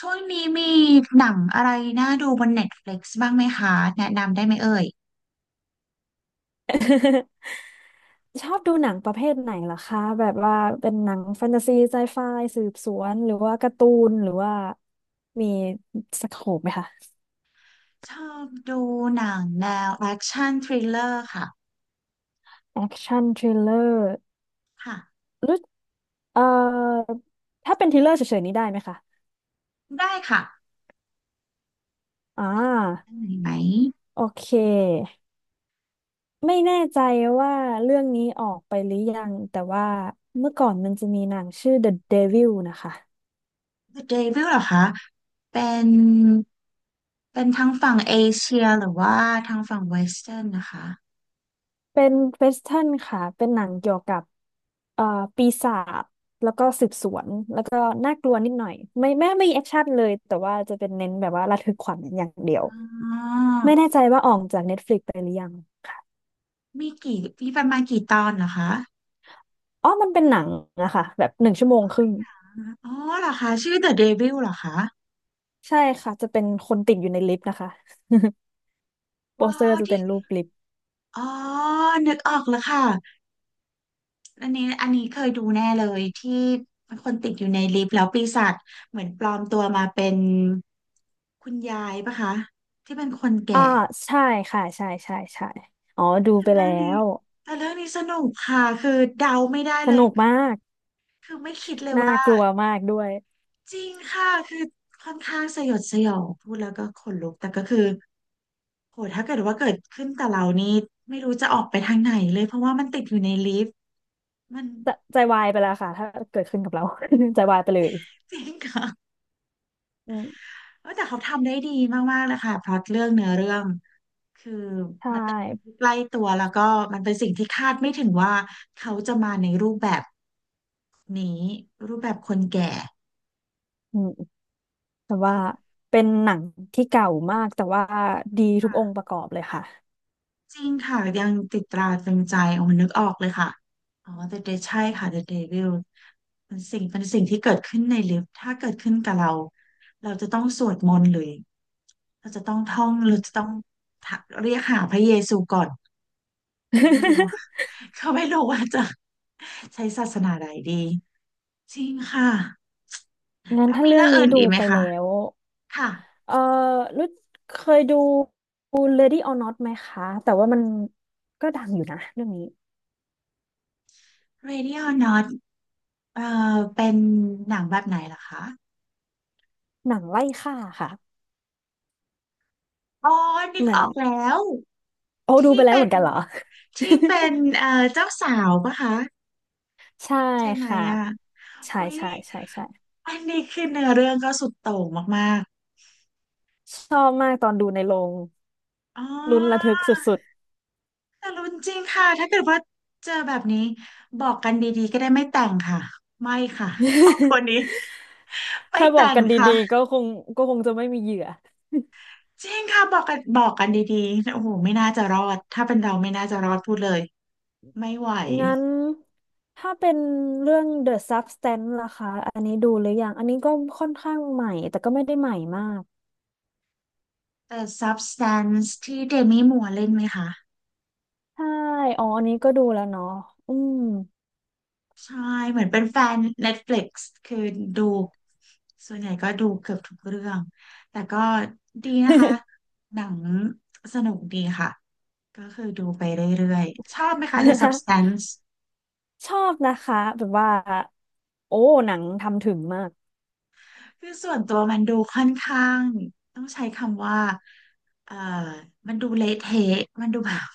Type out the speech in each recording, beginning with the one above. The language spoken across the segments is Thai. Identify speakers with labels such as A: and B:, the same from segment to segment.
A: ช่วงนี้มีหนังอะไรน่าดูบน Netflix บ้างไหมคะแนะนำได้ไหมเอ่ย
B: ชอบดูหนังประเภทไหนล่ะคะแบบว่าเป็นหนังแฟนตาซีไซไฟสืบสวนหรือว่าการ์ตูนหรือว่ามีสโคปไหมคะ
A: ชอบดูหนังแนวแอคชั่นทริลเลอร์ค่ะ
B: แอคชั่นทริลเลอร์
A: ค่ะ
B: หรือเอ่อถ้าเป็นทริลเลอร์เฉยๆนี้ได้ไหมคะ
A: ได้ค่ะ
B: อ่า
A: อันไหนไหม
B: โอเคไม่แน่ใจว่าเรื่องนี้ออกไปหรือยังแต่ว่าเมื่อก่อนมันจะมีหนังชื่อ The Devil นะคะ
A: The Devil เหรอคะเป็นเป็นทั้งฝั่งเอเชียหรือว่าทางฝั่งเวสเทิร์นนะคะ
B: เป็น w e สเท r n นค่ะเป็นหนังเกี่ยวกับเอ่อปีศาจ ก็น่ากลัวนิดหน่อยไม่มีแอคชั่นเลยแต่ว่าจะเป็นเน้นแบบว่าระทึกขวัญอย่างเดียว
A: อ๋อ
B: ไม่แน่ใจว่าออกจาก Netflix ไปหรือยัง
A: มีประมาณกี่ตอนเหรอคะ
B: อ๋อมันเป็นหนังนะคะแบบ1 ชั่วโมงครึ่ง
A: อ๋อเหรอคะชื่อ The Devil เหรอคะ
B: ใช่ค่ะจะเป็นคนติดอยู่ในลิฟต์นะคะโป
A: อ๋อ
B: สเตอร์จะเป็
A: ที่
B: นรูปลิฟต์
A: อ๋อนึกออกแล้วค่ะ อันนี้เคยดูแน่เลยที่คนติดอยู่ในลิฟต์แล้วปีศาจเหมือนปลอมตัวมาเป็นคุณยายปะคะที่เป็นคน
B: อ่า
A: แก่
B: ใช่ค่ะใช่ใช่ใช่อ๋อดูไป
A: เรื่
B: แล้
A: องนี้
B: ว
A: แต่เรื่องนี้สนุกค่ะคือเดาไม่ได้
B: ส
A: เลย
B: นุกมาก
A: คือไม่คิดเลย
B: น่า
A: ว่า
B: กลัวมากด้วย
A: จริงค่ะคือค่อนข้างสยดสยองพูดแล้วก็ขนลุกแต่ก็คือโหถ้าเกิดว่าเกิดขึ้นกับเรานี่ไม่รู้จะออกไปทางไหนเลยเพราะว่ามันติดอยู่ในลิฟต์มัน
B: จะใจวายไปแล้วค่ะถ้าเกิดขึ้นกับเรา ใจวายไปเลย
A: จริงค่ะ
B: อืม
A: เออแต่เขาทำได้ดีมากๆเลยค่ะพล็อตเรื่องเนื้อเรื่อง คือ
B: ใช่
A: มันเป็นสิ่งที่ใกล้ตัวแล้วก็มันเป็นสิ่งที่คาดไม่ถึงว่าเขาจะมาในรูปแบบนี้รูปแบบคนแก่
B: อืม แต่ว่าเป็นหนังที่เก่ามากแต่ว่าดีทุกองค์ประกอบเลยค่ะ
A: จริงค่ะยังติดตราตรึงใจโอ้นึกออกเลยค่ะอ๋อ The Dead ใช่ค่ะ The Devil เป็นสิ่งที่เกิดขึ้นในลิฟต์ถ้าเกิดขึ้นกับเราเราจะต้องสวดมนต์หรือเราจะต้องท่องเราจะต้องเรียกหาพระเยซูก่อนไม่รู้ว่า เขาไม่รู้ว่าจะใช้ศาสนาใดดี จริงค่ะ
B: งั้น
A: แล้ว
B: ถ้า
A: มี
B: เรื่อ
A: เรื่
B: ง
A: องอื่
B: นี้
A: นอี
B: ดู
A: กไหม
B: ไป
A: คะ
B: แล้ว
A: ค่ะ
B: เออรู้เคยดู Lady or Not ไหมคะ แต่ว่ามันก็ดังอยู่นะเรื่องนี้
A: Radio Not เอ่เป็นหนังแบบไหนล่ะคะ
B: หนังไล่ฆ่าค่ะ
A: อ๋อนึก
B: เหมื
A: อ
B: อน
A: อกแล้ว
B: โอ้ดู
A: ที่
B: ไปแล้ว
A: เป็
B: เหมื
A: น
B: อนกันเหรอ
A: ที่เป็นเจ้าสาวปะคะ
B: ใช่
A: ใช่ไหม
B: ค่ะ
A: อ่ะ
B: ใช่
A: อุ๊ย
B: ใช่ใช่ใช่
A: อันนี้คือเนื้อเรื่องก็สุดโต่งมาก
B: ชอบมากตอนดูในโรง
A: ๆอ๋อ
B: ลุ้นระทึกสุด
A: แต่รุนจริงค่ะถ้าเกิดว่าเจอแบบนี้บอกกันดีๆก็ได้ไม่แต่งค่ะไม่ค่ะ ครอบครั วนี้ไม่
B: ถ้าบอก
A: แต่ง
B: กัน
A: ค่ะ
B: ดีๆก็คงจะไม่มีเหยื่อ
A: จริงค่ะบอกกันดีๆโอ้โหไม่น่าจะรอด ถ้าเป็นเราไม่น่าจะรอดพูดเลยไม่ไหว
B: งั้นถ้าเป็นเรื่อง The Substance ล่ะคะอันนี้ดูหรือยังอันนี้ก็ค่อนข้างใหม่แต่ก็ไม่ได้ใหม่มาก
A: แต่ Substance ที่เดมี่มัวร์เล่นไหมคะ
B: ใช่อ๋ออันนี้ก็ดูแล้วเนาะอืม
A: ใช่เหมือนเป็นแฟน Netflix คือดูส่วนใหญ่ก็ดูเกือบทุกเรื่องแต่ก็ดีนะคะหนังสนุกดีค่ะก็คือดูไปเรื่อยๆชอบไหมคะ The Substance
B: ชอบนะคะแบบว่า โอ้ หนังทำถึงมาก
A: คือส่วนตัวมันดูค่อนข้างต้องใช้คำว่าเอ่อมันดูเละเทะมันดูแบบ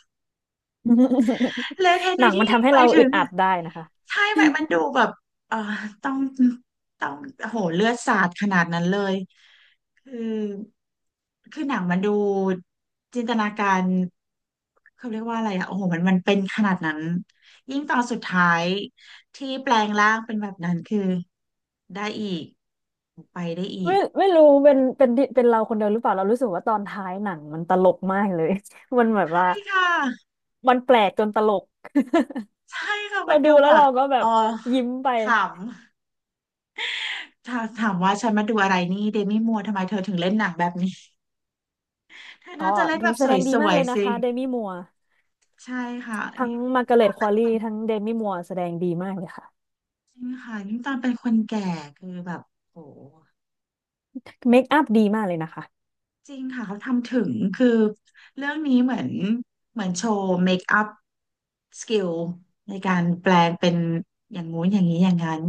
A: เลอะเทอะ
B: ห
A: ใน
B: นัง
A: ที่
B: มัน
A: นี้
B: ทำให้
A: หมา
B: เรา
A: ยถึ
B: อึด
A: ง
B: อัดได้นะคะ
A: ใช่ไหมมันดูแบบเอ่อต้องต้องโอ้โหเลือดสาดขนาดนั้นเลยคือคือหนังมันดูจินตนาการเขาเรียกว่าอะไรอ่ะโอ้โหมันเป็นขนาดนั้นยิ่งตอนสุดท้ายที่แปลงร่างเป็นแบบนั้นคือได้อีกไปได้อี
B: ไม่
A: ก
B: ไม่รู้เป็นเราคนเดียวหรือเปล่าเรารู้สึกว่าตอนท้ายหนังมันตลกมากเลย มันแบบ
A: ใช่
B: ว่า
A: ค่ะ
B: มันแปลกจนตลก
A: ใช่ค่ะ
B: เรา
A: มัน
B: ดู
A: ดู
B: แล้
A: แบ
B: ว
A: บ
B: เราก็แบ
A: เอ
B: บ
A: อ
B: ยิ้มไป
A: ขำ ถ้าถามว่าฉันมาดูอะไรนี่เดมี่มัวร์ทำไมเธอถึงเล่นหนังแบบนี้เธอ
B: ก็
A: น่าจะเล่น
B: ดู
A: แบบ
B: แส
A: ส
B: ดงดี
A: ว
B: มาก
A: ย
B: เลย
A: ๆ
B: นะ
A: สิ
B: คะเดมี่มัวร์
A: ใช่ค่ะ
B: ทั้
A: นี่
B: งมาร์กาเร็ตควอลลี่ทั้งเดมี่มัวร์แสดงดีมากเลยค่ะ
A: จริงค่ะยิ่งตอนเป็นคนแก่คือแบบโอ้
B: เมคอัพดีมากเลยนะคะ
A: จริงค่ะเขาทำถึงคือเรื่องนี้เหมือนเหมือนโชว์เมคอัพสกิลในการแปลงเป็นอย่างงู้นอย่างนี้อย่างนั้น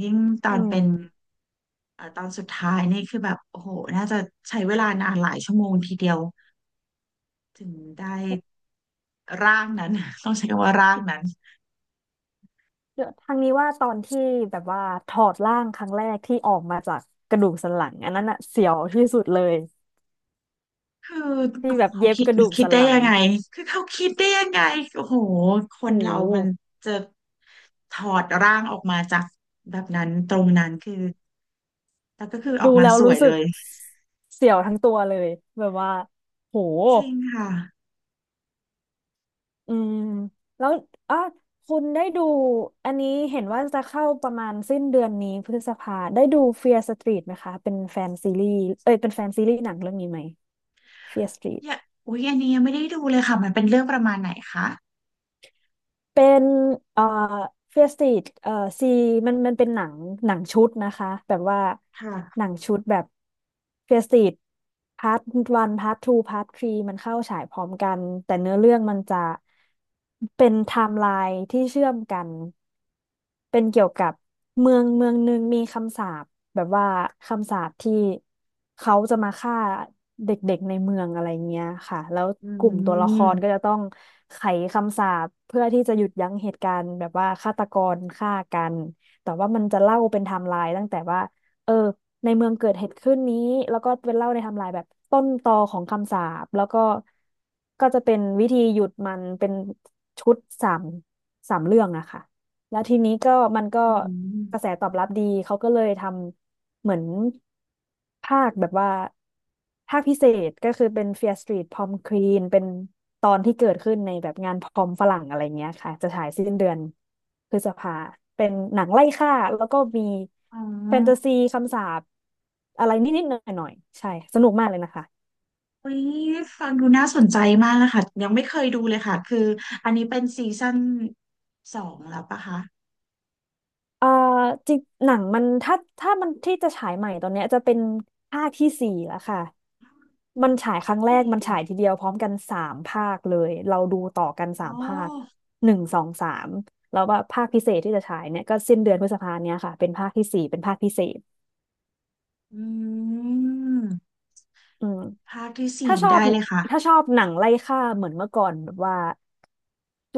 A: ยิ่งตอ
B: อื
A: นเป็น
B: ม
A: ตอนสุดท้ายนี่คือแบบโอ้โหน่าจะใช้เวลานานหลายชั่วโมงทีเดียว ถึงได้ร่างนั้น ต้องใช้คำว่าร่างนั้น
B: เดี๋ยวทางนี้ว่าตอนที่แบบว่าถอดร่างครั้งแรกที่ออกมาจากกระดูกสันหลังอันนั้นอะเสียวที่สุดเลย
A: คือ
B: ที่
A: โอ้โห
B: แบบ
A: เขา
B: เย็บ
A: คิด
B: กระดูก
A: คิด
B: สัน
A: ได้
B: หลั
A: ยั
B: ง
A: งไงคือเขาคิดได้ยังไงโอ้โหค
B: โ
A: นเรามัน
B: ห
A: จะถอดร่างออกมาจากแบบนั้นตรงนั้นคือแล้วก็คือออก
B: ดู
A: มา
B: แล้ว
A: สวย
B: รู้
A: เล
B: สึก
A: ย
B: เสียวทั้งตัวเลยแบบว่าโห
A: จริงค่ะ
B: อืมแล้วอ่ะคุณได้ดูอันนี้เห็นว่าจะเข้าประมาณสิ้นเดือนนี้พฤษภาได้ดู Fear Street ไหมคะเป็นแฟนซีรีส์เอ้ยเป็นแฟนซีรีส์หนังเรื่องนี้ไหม Fear Street
A: อย่าอุ๊ยอันนี้ยังไม่ได้ดูเลยค่ะมันเป็นเรื่องประมาณไหนคะ
B: เป็นเอ่อเฟียสติดซีมันเป็นหนังชุดนะคะแบบว่าห
A: ค่ะ
B: นังชุดแบบเฟียสติดพาร์ทวันพาร์ททูพาร์ททรีมันเข้าฉายพร้อมกันแต่เนื้อเรื่องมันจะเป็นไทม์ไลน์ที่เชื่อมกัน เป็นเกี่ยวกับเมืองเมืองหนึ่งมีคำสาปแบบว่าคำสาปที่เขาจะมาฆ่าเด็กๆในเมืองอะไรเงี้ยค่ะแล้ว
A: อื
B: กลุ่มตัวละครก็
A: ม
B: จะต้องไขคำสาปเพื่อที่จะหยุดยั้งเหตุการณ์แบบว่าฆาตกรฆ่ากันแต่ว่ามันจะเล่าเป็นไทม์ไลน์ตั้งแต่ว่าเออในเมืองเกิดเหตุขึ้นนี้แล้วก็เป็นเล่าในไทม์ไลน์แบบต้นตอของคำสาปแล้วก็จะเป็นวิธีหยุดมันเป็นชุดสามสามเรื่องอะค่ะ แล้วทีนี้ก็มันก็
A: อื
B: กระแส
A: ม
B: ตอบรับดี เขาก็เลยทำเหมือนภาคแบบว่าภาคพิเศษก็คือเป็น Fear Street Prom Queen เป็นตอนที่เกิดขึ้นในแบบงานพรอมฝรั่งอะไรเงี้ยค่ะจะฉายสิ้นเดือนพฤษภาเป็นหนังไล่ฆ่าแล้วก็มี
A: อ๋อ
B: แฟนตาซีคำสาปอะไรนิดๆหน่อยๆใช่สนุกมากเลยนะคะ
A: อุ๊ยฟังดูน่าสนใจมากเลยค่ะยังไม่เคยดูเลยค่ะคืออันนี้เป็นซีซั่นสองแล้วปะคะ
B: เอ่อจริงหนังมันถ้ามันที่จะฉายใหม่ตอนเนี้ยจะเป็นภาคที่สี่แล้วค่ะมันฉายครั้งแร
A: สี่
B: กมันฉายทีเดียวพร้อมกันสามภาคเลยเราดูต่อกัน
A: อ๋
B: สา
A: อ
B: มภาค1 2 3แล้วว่าภาคพิเศษที่จะฉายเนี่ยก็สิ้นเดือนพฤษภาเนี้ยค่ะเป็นภาคที่สี่เป็นภาคพิเศษ
A: อืม
B: อืม
A: ภาคที่
B: ถ้า
A: สี่
B: ชอบ
A: ได้เลยค่ะ
B: ถ้าชอบหนังไล่ฆ่าเหมือนเมื่อก่อนแบบว่า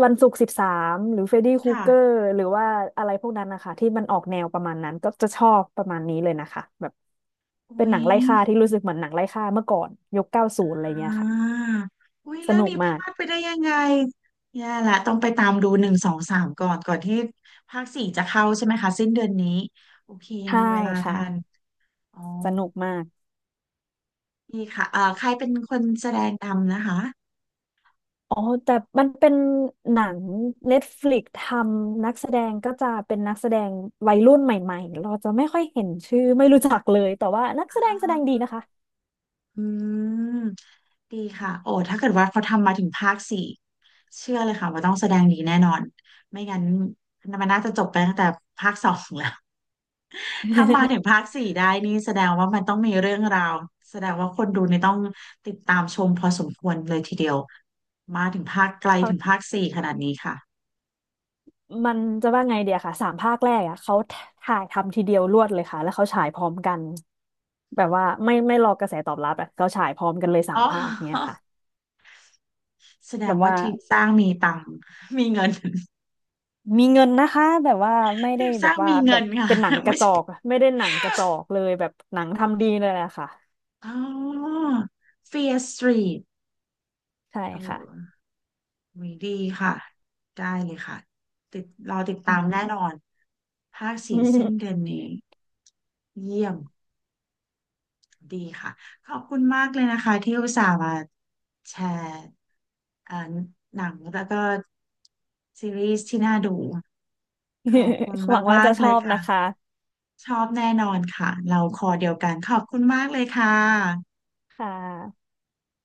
B: วันศุกร์13หรือเฟรดดี้ครู
A: ค่ะ
B: เกอร์หรือว่าอะไรพวกนั้นนะคะที่มันออกแนวประมาณนั้นก็จะชอบประมาณนี้เลยนะคะแบบเป็น
A: อุ๊
B: หนั
A: ย
B: งไล่ฆ่าที่รู้สึกเหมือนหนังไล่ฆ่าเมื่อก่อนยุค90อะไร
A: อ่า
B: เงี้ยค่ะ
A: อุ๊ย
B: ส
A: เรื่อง
B: นุก
A: นี้พ
B: มาก
A: ลาดไปได้ยังไงแย่ละต้องไปตามดูหนึ่งสองสามก่อนก่อนที่ภาคสี่จะเข้าใช่ไหมคะสิ้นเดือนนี้โอเคยัง
B: ใช่
A: มีเวลา
B: ค่ะ
A: ทันอ๋อ
B: สนุกมาก
A: ดีค่ะใครเป็นคนแสดงนำนะคะ
B: อ๋อแต่มันเป็นหนัง Netflix ทำนักแสดงก็จะเป็นนักแสดงวัยรุ่นใหม่ๆเราจะไม่ค่อยเห็นชื่อไม่รู้จักเลยแต่ว่านักแส
A: อ่
B: ดงแสดงดี
A: า
B: นะคะ
A: อืมดีค่ะโอ้ถ้าเกิดว่าเขาทำมาถึงภาคสี่เชื่อเลยค่ะว่าต้องแสดงดีแน่นอนไม่งั้นมันน่าจะจบไปตั้งแต่ภาคสองแล้ว ถ้ามาถึง ภาคสี่ได้นี่แสดงว่ามันต้องมีเรื่องราวแสดงว่าคนดูนี่ต้องติดตามชมพอสมควรเลยทีเดียวมาถึงภาคไกล
B: เขา
A: ถึงภาคสี่ขนาดนี้ค่ะ
B: มันจะว่าไงเดียค่ะสามภาคแรกอ่ะเขาถ่ายทำทีเดียวรวดเลยค่ะแล้วเขาฉายพร้อมกันแบบว่าไม่รอกระแสตอบรับอ่ะเขาฉายพร้อมกันเลยสา
A: อ๋
B: ม
A: อ
B: ภาคเนี่ยค่ะ
A: แสด
B: แบ
A: ง
B: บ
A: ว่า
B: ว่า
A: ทีมสร้างมีตังค์มีเงิน
B: มีเงินนะคะแบบว่าไม่
A: ที
B: ได้
A: มส
B: แบ
A: ร้า
B: บ
A: ง
B: ว่า
A: มี
B: แบ
A: เงิ
B: บ
A: นค่ะ
B: เป็นหนัง ก
A: ไม่
B: ระจ
A: ใช่
B: อกอะไม่ได้หนังกระจอกเลยแบบหนังทำดีเลยแหละค่ะ
A: อ๋อ Fear Street
B: ใช่
A: โอ้
B: ค่ะ
A: อุ๊ยดีค่ะได้เลยค่ะติดรอติดตามแน่นอนภาคสี่สิ้นเดือนนี้เยี่ยมดีค่ะขอบคุณมากเลยนะคะที่อุตส่าห์มาแชร์เอ่อหนังแล้วก็ซีรีส์ที่น่าดูขอบคุณ
B: หวังว่า
A: มา
B: จะ
A: กๆ
B: ช
A: เล
B: อ
A: ย
B: บ
A: ค่ะ
B: นะคะ
A: ชอบแน่นอนค่ะเราคอเดียวกันขอบคุณมากเลยค่ะ
B: ค่ะ